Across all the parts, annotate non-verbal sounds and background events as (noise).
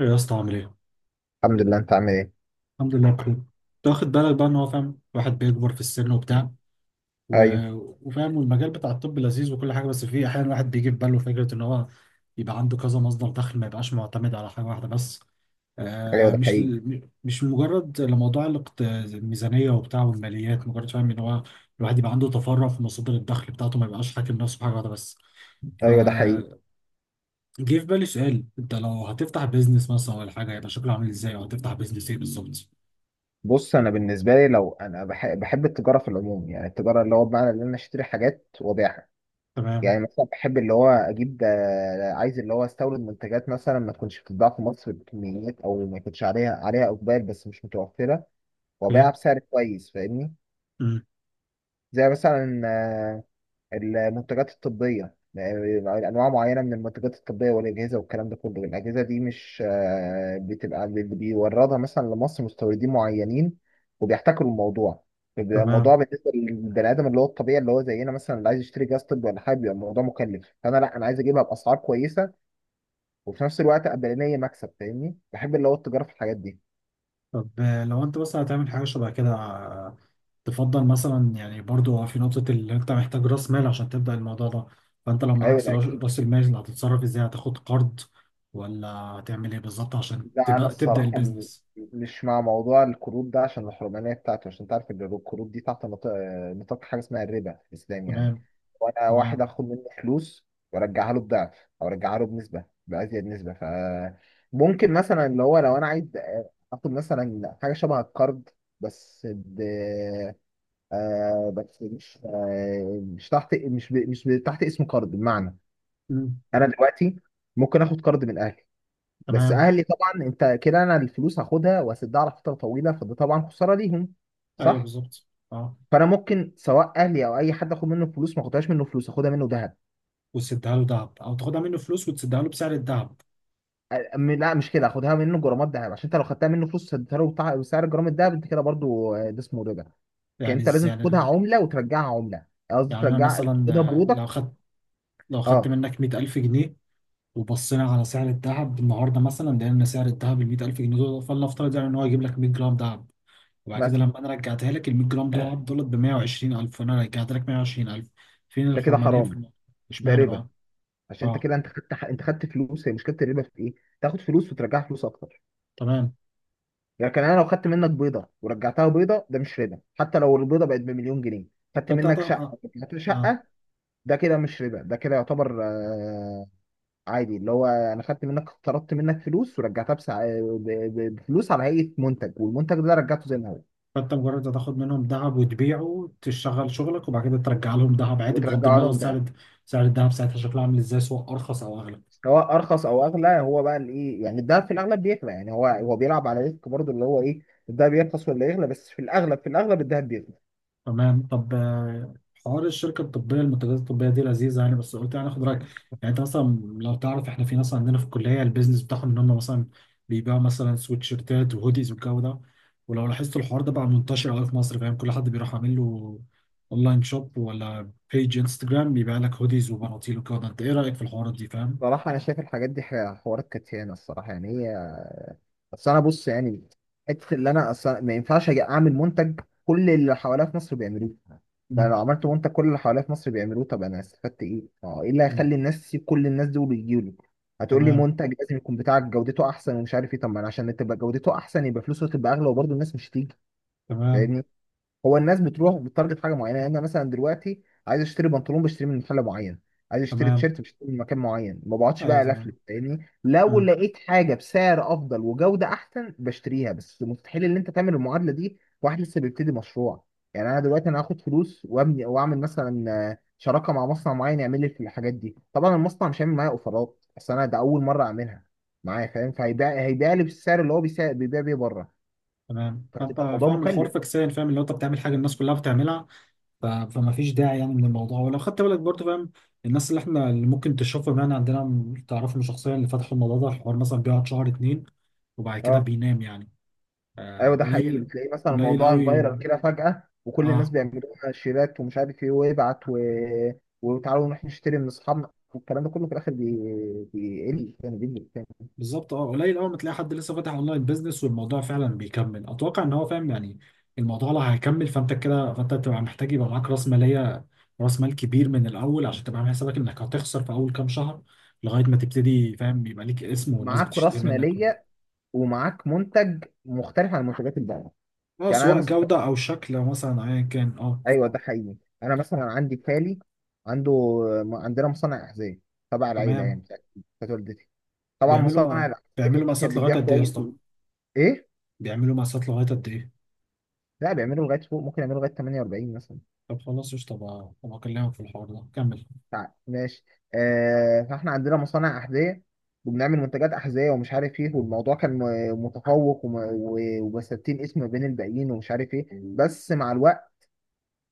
ايه يا اسطى عامل ايه؟ الحمد لله، انت عامل ايه؟ الحمد لله بخير. انت واخد بالك بقى ان هو فاهم الواحد بيكبر في السن وبتاع و... ايوه. وفاهم، والمجال بتاع الطب لذيذ وكل حاجه، بس فيه احيانا الواحد بيجي في باله فكره ان هو يبقى عنده كذا مصدر دخل، ما يبقاش معتمد على حاجه واحده بس. ايوه آه، ده حقيقي. مش مجرد لموضوع الميزانيه وبتاع والماليات، مجرد فاهم ان هو الواحد يبقى عنده تفرع في مصادر الدخل بتاعته، ما يبقاش حاكم نفسه بحاجه واحده بس. ايوه ده حقيقي. فجه في بالي سؤال، انت لو هتفتح بيزنس مثلا ولا حاجه، يبقى شكله عامل ازاي، او هتفتح بيزنس ايه بالظبط؟ بص، انا بالنسبه لي لو انا بحب التجاره في العموم، يعني التجاره اللي هو بمعنى ان انا اشتري حاجات وابيعها. تمام. يعني مثلا بحب اللي هو اجيب عايز اللي هو استورد منتجات مثلا ما تكونش بتتباع في مصر بكميات او ما يكونش عليها اقبال بس مش متوفره، اوكي. وابيعها بسعر كويس، فاهمني. مم. زي مثلا المنتجات الطبية، يعني أنواع معينة من المنتجات الطبية والأجهزة والكلام ده كله. الأجهزة دي مش آه، بتبقى اللي بيوردها مثلا لمصر مستوردين معينين وبيحتكروا الموضوع. بيبقى الموضوع تمام. بالنسبة للبني آدم اللي هو الطبيعي اللي هو زينا مثلا، اللي عايز يشتري جهاز طبي ولا حاجة بيبقى الموضوع مكلف، فأنا لأ، أنا عايز أجيبها بأسعار كويسة وفي نفس الوقت أبقى ليا مكسب، فاهمني. بحب اللي هو التجارة في الحاجات دي. طب لو انت مثلا هتعمل حاجه شبه كده، تفضل مثلا، يعني برضو في نقطه اللي انت محتاج راس مال عشان تبدا الموضوع ده. فانت لو أيوة معكش ده أكيد. رأس المال، هتتصرف ازاي؟ هتاخد قرض ولا هتعمل ايه بالظبط عشان لا انا تبقى تبدا الصراحه البيزنس؟ مش مع موضوع القروض ده، عشان الحرمانيه بتاعته، عشان تعرف ان القروض دي تحت نطاق حاجه اسمها الربا في الاسلام يعني. تمام. وانا واحد تمام. اخد منه فلوس وارجعها له بضعف، او ارجعها له بنسبه بازيد نسبه، ف ممكن مثلا اللي هو لو انا عايز اخد مثلا حاجه شبه القرض، بس ب آه بس مش آه مش تحت مش ب... مش ب... تحت اسم قرض. بمعنى مم. انا دلوقتي ممكن اخد قرض من اهلي، بس تمام. اهلي طبعا انت كده انا الفلوس هاخدها واسدها على فتره طويله، فده طبعا خساره ليهم، ايوه صح. بالظبط، اه. فانا ممكن سواء اهلي او اي حد اخد منه فلوس، ما اخدهاش منه فلوس، اخدها منه ذهب. وتسدها له دهب، او تاخدها منه فلوس وتسدها له بسعر الدهب؟ لا مش كده، اخدها منه جرامات ذهب، عشان انت لو خدتها منه فلوس سدتها له بسعر جرام الذهب انت كده برضو ده اسمه ربا. كان انت لازم يعني، تاخدها عمله وترجعها عمله، قصدي يعني انا ترجع مثلا تاخدها لو برودكت. خدت، لو خدت اه، منك 100,000 جنيه، وبصينا على سعر الذهب النهارده، مثلا لقينا سعر الذهب ال 100,000 جنيه دول فلنفترض يعني ان هو يجيب لك 100 جرام ذهب، وبعد كده مثلا. لما انا رجعتها لك ال 100 جرام دول دولت ب 120,000، وانا رجعت لك 120,000. فين ده كده الحرمانيه في حرام. الموضوع؟ ده اشمعنى ربا، بقى؟ عشان انت اه. كده انت خدت، انت خدت فلوس. هي مشكله الربا في ايه؟ تاخد فلوس وترجعها فلوس اكتر. تمام. لكن انا لو خدت منك بيضه ورجعتها بيضه ده مش ربا، حتى لو البيضه بقت بمليون جنيه. خدت منك شقه اه، ورجعتها اه. شقه، ده كده مش ربا، ده كده يعتبر آه عادي. اللي هو انا خدت منك، طردت منك فلوس ورجعتها بفلوس على هيئه منتج، والمنتج ده رجعته زي ما هو، فانت مجرد هتاخد منهم ذهب وتبيعه، تشتغل شغلك، وبعد كده ترجع لهم ذهب عادي، بغض وترجعه النظر لهم بقى. سعر الذهب ساعتها شكله عامل ازاي، سواء ارخص او اغلى. سواء ارخص او اغلى، هو بقى الايه، يعني الدهب في الاغلب بيغلى، يعني هو هو بيلعب على ريسك برضه، اللي هو ايه الدهب يرخص ولا يغلى، بس في الاغلب، الدهب بيغلى. تمام. طب حوار الشركه الطبيه، المنتجات الطبيه دي لذيذه يعني، بس قلت يعني اخد رايك. يعني انت مثلا لو تعرف، احنا في ناس عندنا في الكليه البيزنس بتاعهم ان هم مثلا بيبيعوا مثلا سويتشيرتات وهوديز والجو ده. ولو لاحظت الحوار ده بقى منتشر قوي في مصر، فاهم، كل حد بيروح عامل له اونلاين شوب ولا بيج انستجرام بيبيع لك هوديز وبناطيل والجو ده. انت ايه رايك في الحوارات دي فاهم؟ صراحة أنا شايف الحاجات دي حوارات كتيانة الصراحة، يعني هي، بس انا بص يعني، حته اللي انا اصلا ما ينفعش اجي اعمل منتج كل اللي حواليا في مصر بيعملوه. يعني مم. لو عملت منتج كل اللي حواليا في مصر بيعملوه، طب انا استفدت ايه؟ ما هو ايه اللي مم. هيخلي الناس تسيب كل الناس دول ويجيوا لي؟ هتقول لي تمام. منتج لازم يكون بتاعك جودته احسن ومش عارف ايه، طب ما انا عشان تبقى جودته احسن يبقى فلوسه تبقى اغلى وبرضه الناس مش هتيجي، تمام. فاهمني؟ هو الناس بتروح بتارجت حاجه معينه، يعني انا مثلا دلوقتي عايز اشتري بنطلون بشتري من محل معين، عايز اشتري تمام. تيشيرت بشتري من مكان معين، ما بقعدش بقى ايوه الفلف، تمام. فاهمني. لو مم. لقيت حاجه بسعر افضل وجوده احسن بشتريها، بس مستحيل ان انت تعمل المعادله دي واحد لسه بيبتدي مشروع. يعني انا دلوقتي انا هاخد فلوس وابني واعمل مثلا شراكه مع مصنع معين يعمل لي في الحاجات دي، طبعا المصنع مش هيعمل معايا اوفرات، بس انا ده اول مره اعملها معايا، فاهم، هيبيع لي بالسعر اللي هو بيبيع بيه بره، تمام. فانت فهتبقى الموضوع فاهم الحوار مكلف. فكسان، فاهم اللي هو انت بتعمل حاجه الناس كلها بتعملها. فما فيش داعي يعني من الموضوع. ولو خدت بالك برضه فاهم، الناس اللي احنا اللي ممكن تشوفهم يعني عندنا تعرفهم شخصيا، اللي فتحوا الموضوع ده الحوار مثلا بيقعد شهر اتنين وبعد كده اه. بينام يعني. ايوه ده حقيقي، قليل. بتلاقيه مثلا قليل الموضوع فايرال قوي. كده فجأة وكل الناس اه بيعملوا لها شيرات ومش عارف ايه ويبعت و... وتعالوا نروح نشتري من اصحابنا والكلام ده كله، في الاخر بيقل، يعني بيقل تاني. بالظبط، اه قليل قوي. ما تلاقي حد لسه فاتح اونلاين بيزنس والموضوع فعلا بيكمل، اتوقع ان هو فاهم يعني. الموضوع لو هيكمل، فانت كده فانت تبقى محتاج يبقى معاك راس مال كبير من الاول، عشان تبقى عامل حسابك انك هتخسر في اول كام شهر لغايه ما تبتدي، فاهم، يبقى ليك اسم والناس معاك بتشتري راس منك. ماليه ومعاك منتج مختلف عن منتجات الباقيه. اه يعني انا سواء مثلا (laughs) جودة أو شكل مثلا أيا كان، اه. ايوه ده حقيقي. انا مثلا عندي خالي، عنده عندنا مصنع احذيه تبع العيله، تمام. يعني بتاعت والدتي. طبعا بيعملوا مصانع ما... الاحذيه بيعملوا دي كانت مقاسات لغاية بتبيع قد إيه يا كويس. اسطى؟ ايه؟ بيعملوا مقاسات لغاية قد إيه؟ لا بيعملوا لغايه فوق، ممكن يعملوا لغايه 48 مثلا. طب خلاص قشطة بقى، طب أكلمك في الحوار ده كمل. ماشي. آه، فاحنا عندنا مصانع أحذية وبنعمل منتجات أحذية ومش عارف إيه، والموضوع كان متفوق ومثبتين اسم بين الباقيين ومش عارف إيه، بس مع الوقت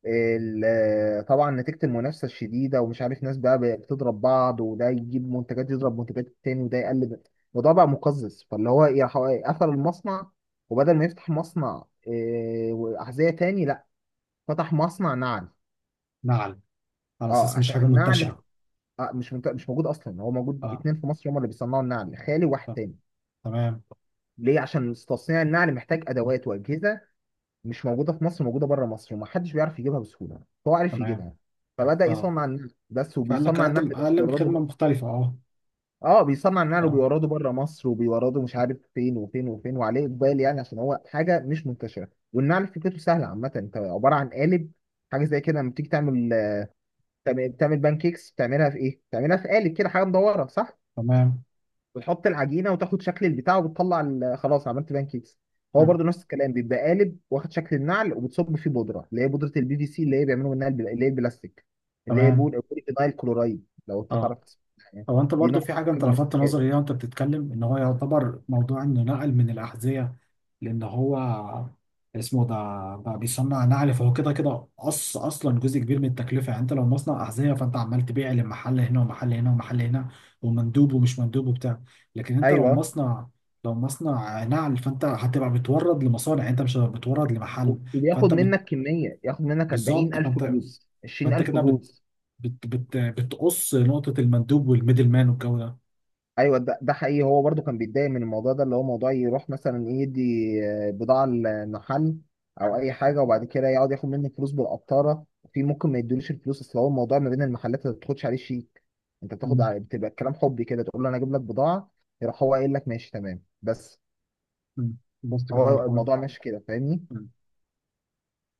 طبعا نتيجة المنافسة الشديدة ومش عارف، ناس بقى بتضرب بعض، وده يجيب منتجات يضرب منتجات التاني، وده يقلب الموضوع بقى مقزز، فاللي هو إيه قفل المصنع، وبدل ما يفتح مصنع وأحذية تاني، لا، فتح مصنع نعل. نعل؟ على اه أساس مش عشان حاجة النعل منتشرة. مش موجود اصلا، هو موجود اه. اتنين في مصر هم اللي بيصنعوا النعل، خالي وواحد طب، تاني. تمام. ليه؟ عشان تصنيع النعل محتاج ادوات واجهزه مش موجوده في مصر، موجوده بره مصر، ومحدش بيعرف يجيبها بسهوله، هو عارف تمام. يجيبها. فبدا اه. يصنع النعل بس، فقال لك وبيصنع النعل ده أقدم وبيورده خدمة بقى. مختلفة، اه. اه بيصنع النعل اه. وبيورده بره مصر، وبيورده مش عارف فين وفين وفين، وعليه اقبال يعني عشان هو حاجه مش منتشره. والنعل فكرته سهله عامه، انت عباره عن قالب، حاجه زي كده، لما بتيجي تعمل، بتعمل بان كيكس بتعملها في ايه؟ بتعملها في قالب كده حاجه مدوره، صح؟ تمام. بتحط العجينه وتاخد شكل البتاع وبتطلع خلاص عملت بان كيكس. هو مم. برضو نفس الكلام، بيبقى قالب واخد شكل النعل، وبتصب فيه بودره اللي هي بودره البي في سي، اللي هي بيعملوا منها اللي هي البلاستيك، اللي هي تمام. بوليفينايل كلورايد لو انت اه. تعرف تسمع يعني. هو أنت دي برضو نوع من في حاجة أنواع أنت لفتت البلاستيكات. نظري ليها وأنت بتتكلم، إن هو يعتبر موضوع إنه نقل من الأحذية، لان هو اسمه ده بقى بيصنع نعل، فهو كده كده قص اصلا جزء كبير من التكلفه. يعني انت لو مصنع احذيه، فانت عمال تبيع لمحل هنا ومحل هنا ومحل هنا، ومندوب ومش مندوب وبتاع. لكن انت لو ايوه. لو مصنع نعل، فانت هتبقى بتورد لمصانع، يعني انت مش هتبقى بتورد لمحل. وبياخد فانت بت... منك كميه، ياخد منك بالظبط. 40,000 فانت جوز، فانت 20,000 كده جوز. بتقص نقطه المندوب والميدل مان والجو ده. ايوه ده حقيقي، هو برضو كان بيتضايق من الموضوع ده، اللي هو موضوع يروح مثلا يدي بضاعه لمحل او اي حاجه وبعد كده يقعد ياخد منه فلوس بالقطاره، في ممكن ما يدوليش الفلوس، اصل هو الموضوع ما بين المحلات ما بتاخدش عليه شيك، انت بتاخد مم. على، بتبقى الكلام حبي كده، تقول له انا اجيب لك بضاعه، يروح هو قايل لك ماشي تمام بس. مم. بص كده على هو الحوار. الموضوع ماشي كده، فاهمني. مم.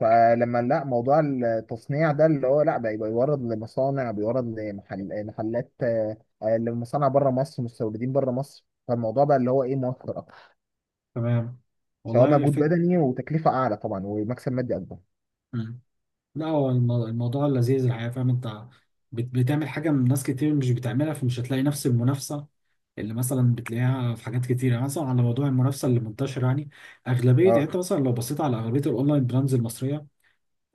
فلما لا، موضوع التصنيع ده اللي هو لا، بقى بيورد لمصانع، بيورد محلات لمصانع بره مصر، مستوردين بره مصر، فالموضوع بقى اللي هو ايه موفر اكتر، تمام. سواء والله مجهود فكرة. بدني وتكلفه اعلى طبعا، ومكسب مادي اكبر. لا هو الموضوع لذيذ الحقيقة، فاهم، انت بتعمل حاجة من ناس كتير مش بتعملها، فمش هتلاقي نفس المنافسة اللي مثلا بتلاقيها في حاجات كتيرة. يعني مثلا على موضوع المنافسة اللي منتشر يعني، أغلبية، يعني اه. انت مثلا لو بصيت على أغلبية الأونلاين براندز المصرية،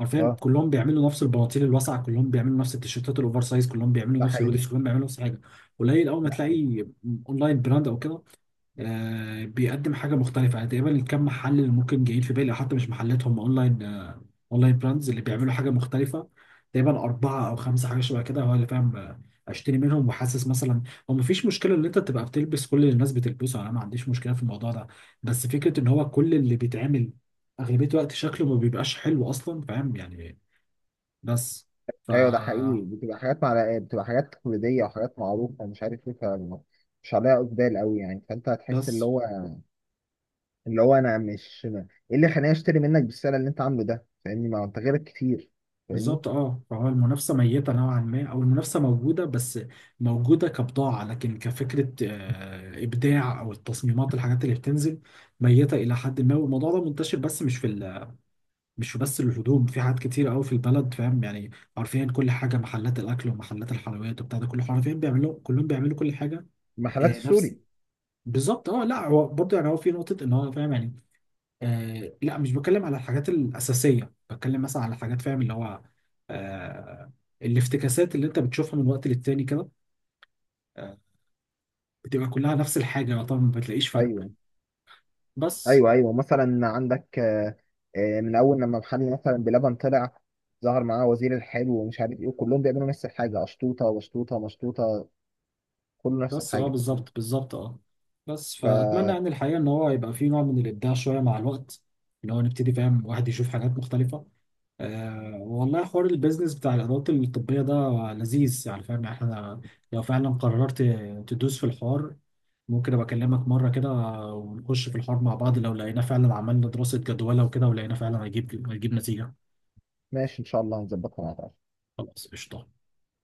حرفيا اه كلهم بيعملوا نفس البناطيل الواسعة، كلهم بيعملوا نفس التيشيرتات الأوفر سايز، كلهم بيعملوا ده نفس حقيقي. الهوديز، كلهم بيعملوا نفس الحاجة. قليل أول ما ده حقيقي. تلاقي أونلاين براند أو كده بيقدم حاجه مختلفه، يعني تقريبا الكم محل اللي ممكن جايين في بالي، أو حتى مش محلات هم اونلاين، اونلاين براندز اللي بيعملوا حاجه مختلفه تقريبا اربعه او خمسه، حاجه شبه كده هو اللي فاهم. اشتري منهم وحاسس مثلا. هو مفيش مشكله ان انت تبقى بتلبس كل اللي الناس بتلبسه، انا ما عنديش مشكله في الموضوع ده، بس فكره ان هو كل اللي بيتعمل اغلبيه الوقت شكله ما بيبقاش حلو اصلا، فاهم يعني. بس ف، ايوه ده حقيقي، بتبقى حاجات، مع بتبقى حاجات تقليديه وحاجات معروفه ومش عارف ايه، فاهم. مش عليها اقبال قوي يعني، فانت هتحس اللي بس هو، اللي هو انا مش ايه اللي خلاني اشتري منك بالسعر اللي انت عامله ده، فاهمني، ما هو انت غيرك كتير، فاهمني. بالظبط، اه. فهو المنافسه ميته نوعا ما، او المنافسه موجوده بس موجوده كبضاعه، لكن كفكره ابداع او التصميمات الحاجات اللي بتنزل ميته الى حد ما. والموضوع ده منتشر، بس مش في مش في بس الهدوم، في حاجات كتير قوي في البلد، فاهم يعني، حرفيا كل حاجه، محلات الاكل ومحلات الحلويات وبتاع ده كله، حرفيا كلهم بيعملوا كل حاجه. المحلات نفس. السوري. بالظبط، اه. لا هو برضه يعني، هو في نقطه ان هو فاهم يعني، آه لا مش بتكلم على الحاجات الأساسية، بتكلم مثلا على حاجات، فاهم، اللي هو آه الافتكاسات اللي انت بتشوفها من وقت للتاني كده، آه بتبقى كلها نفس الحاجة، طبعا ما بتلاقيش فرق. ايوه بس، ايوه. ايوه مثلا عندك من اول لما محل مثلا بلبن طلع، ظهر معاه وزير الحلو ومش عارف ايه، وكلهم بيعملوا نفس الحاجه، اشطوطه وشطوطه مشطوطه، كله نفس بس اه. الحاجه. بالظبط، بالظبط، اه. بس فأتمنى فماشي، يعني الحقيقة إن هو يبقى فيه نوع من الإبداع شوية مع الوقت، اللي هو نبتدي فاهم واحد يشوف حاجات مختلفة. آه والله حوار البيزنس بتاع الإدارات الطبية ده لذيذ يعني، فاهم، احنا لو فعلا قررت تدوس في الحوار، ممكن ابقى اكلمك مره كده ونخش في الحوار مع بعض، لو لقينا فعلا عملنا دراسه جدوى وكده ولقينا فعلا هيجيب نتيجه. ان شاء الله هنظبطها مع بعض. خلاص قشطه.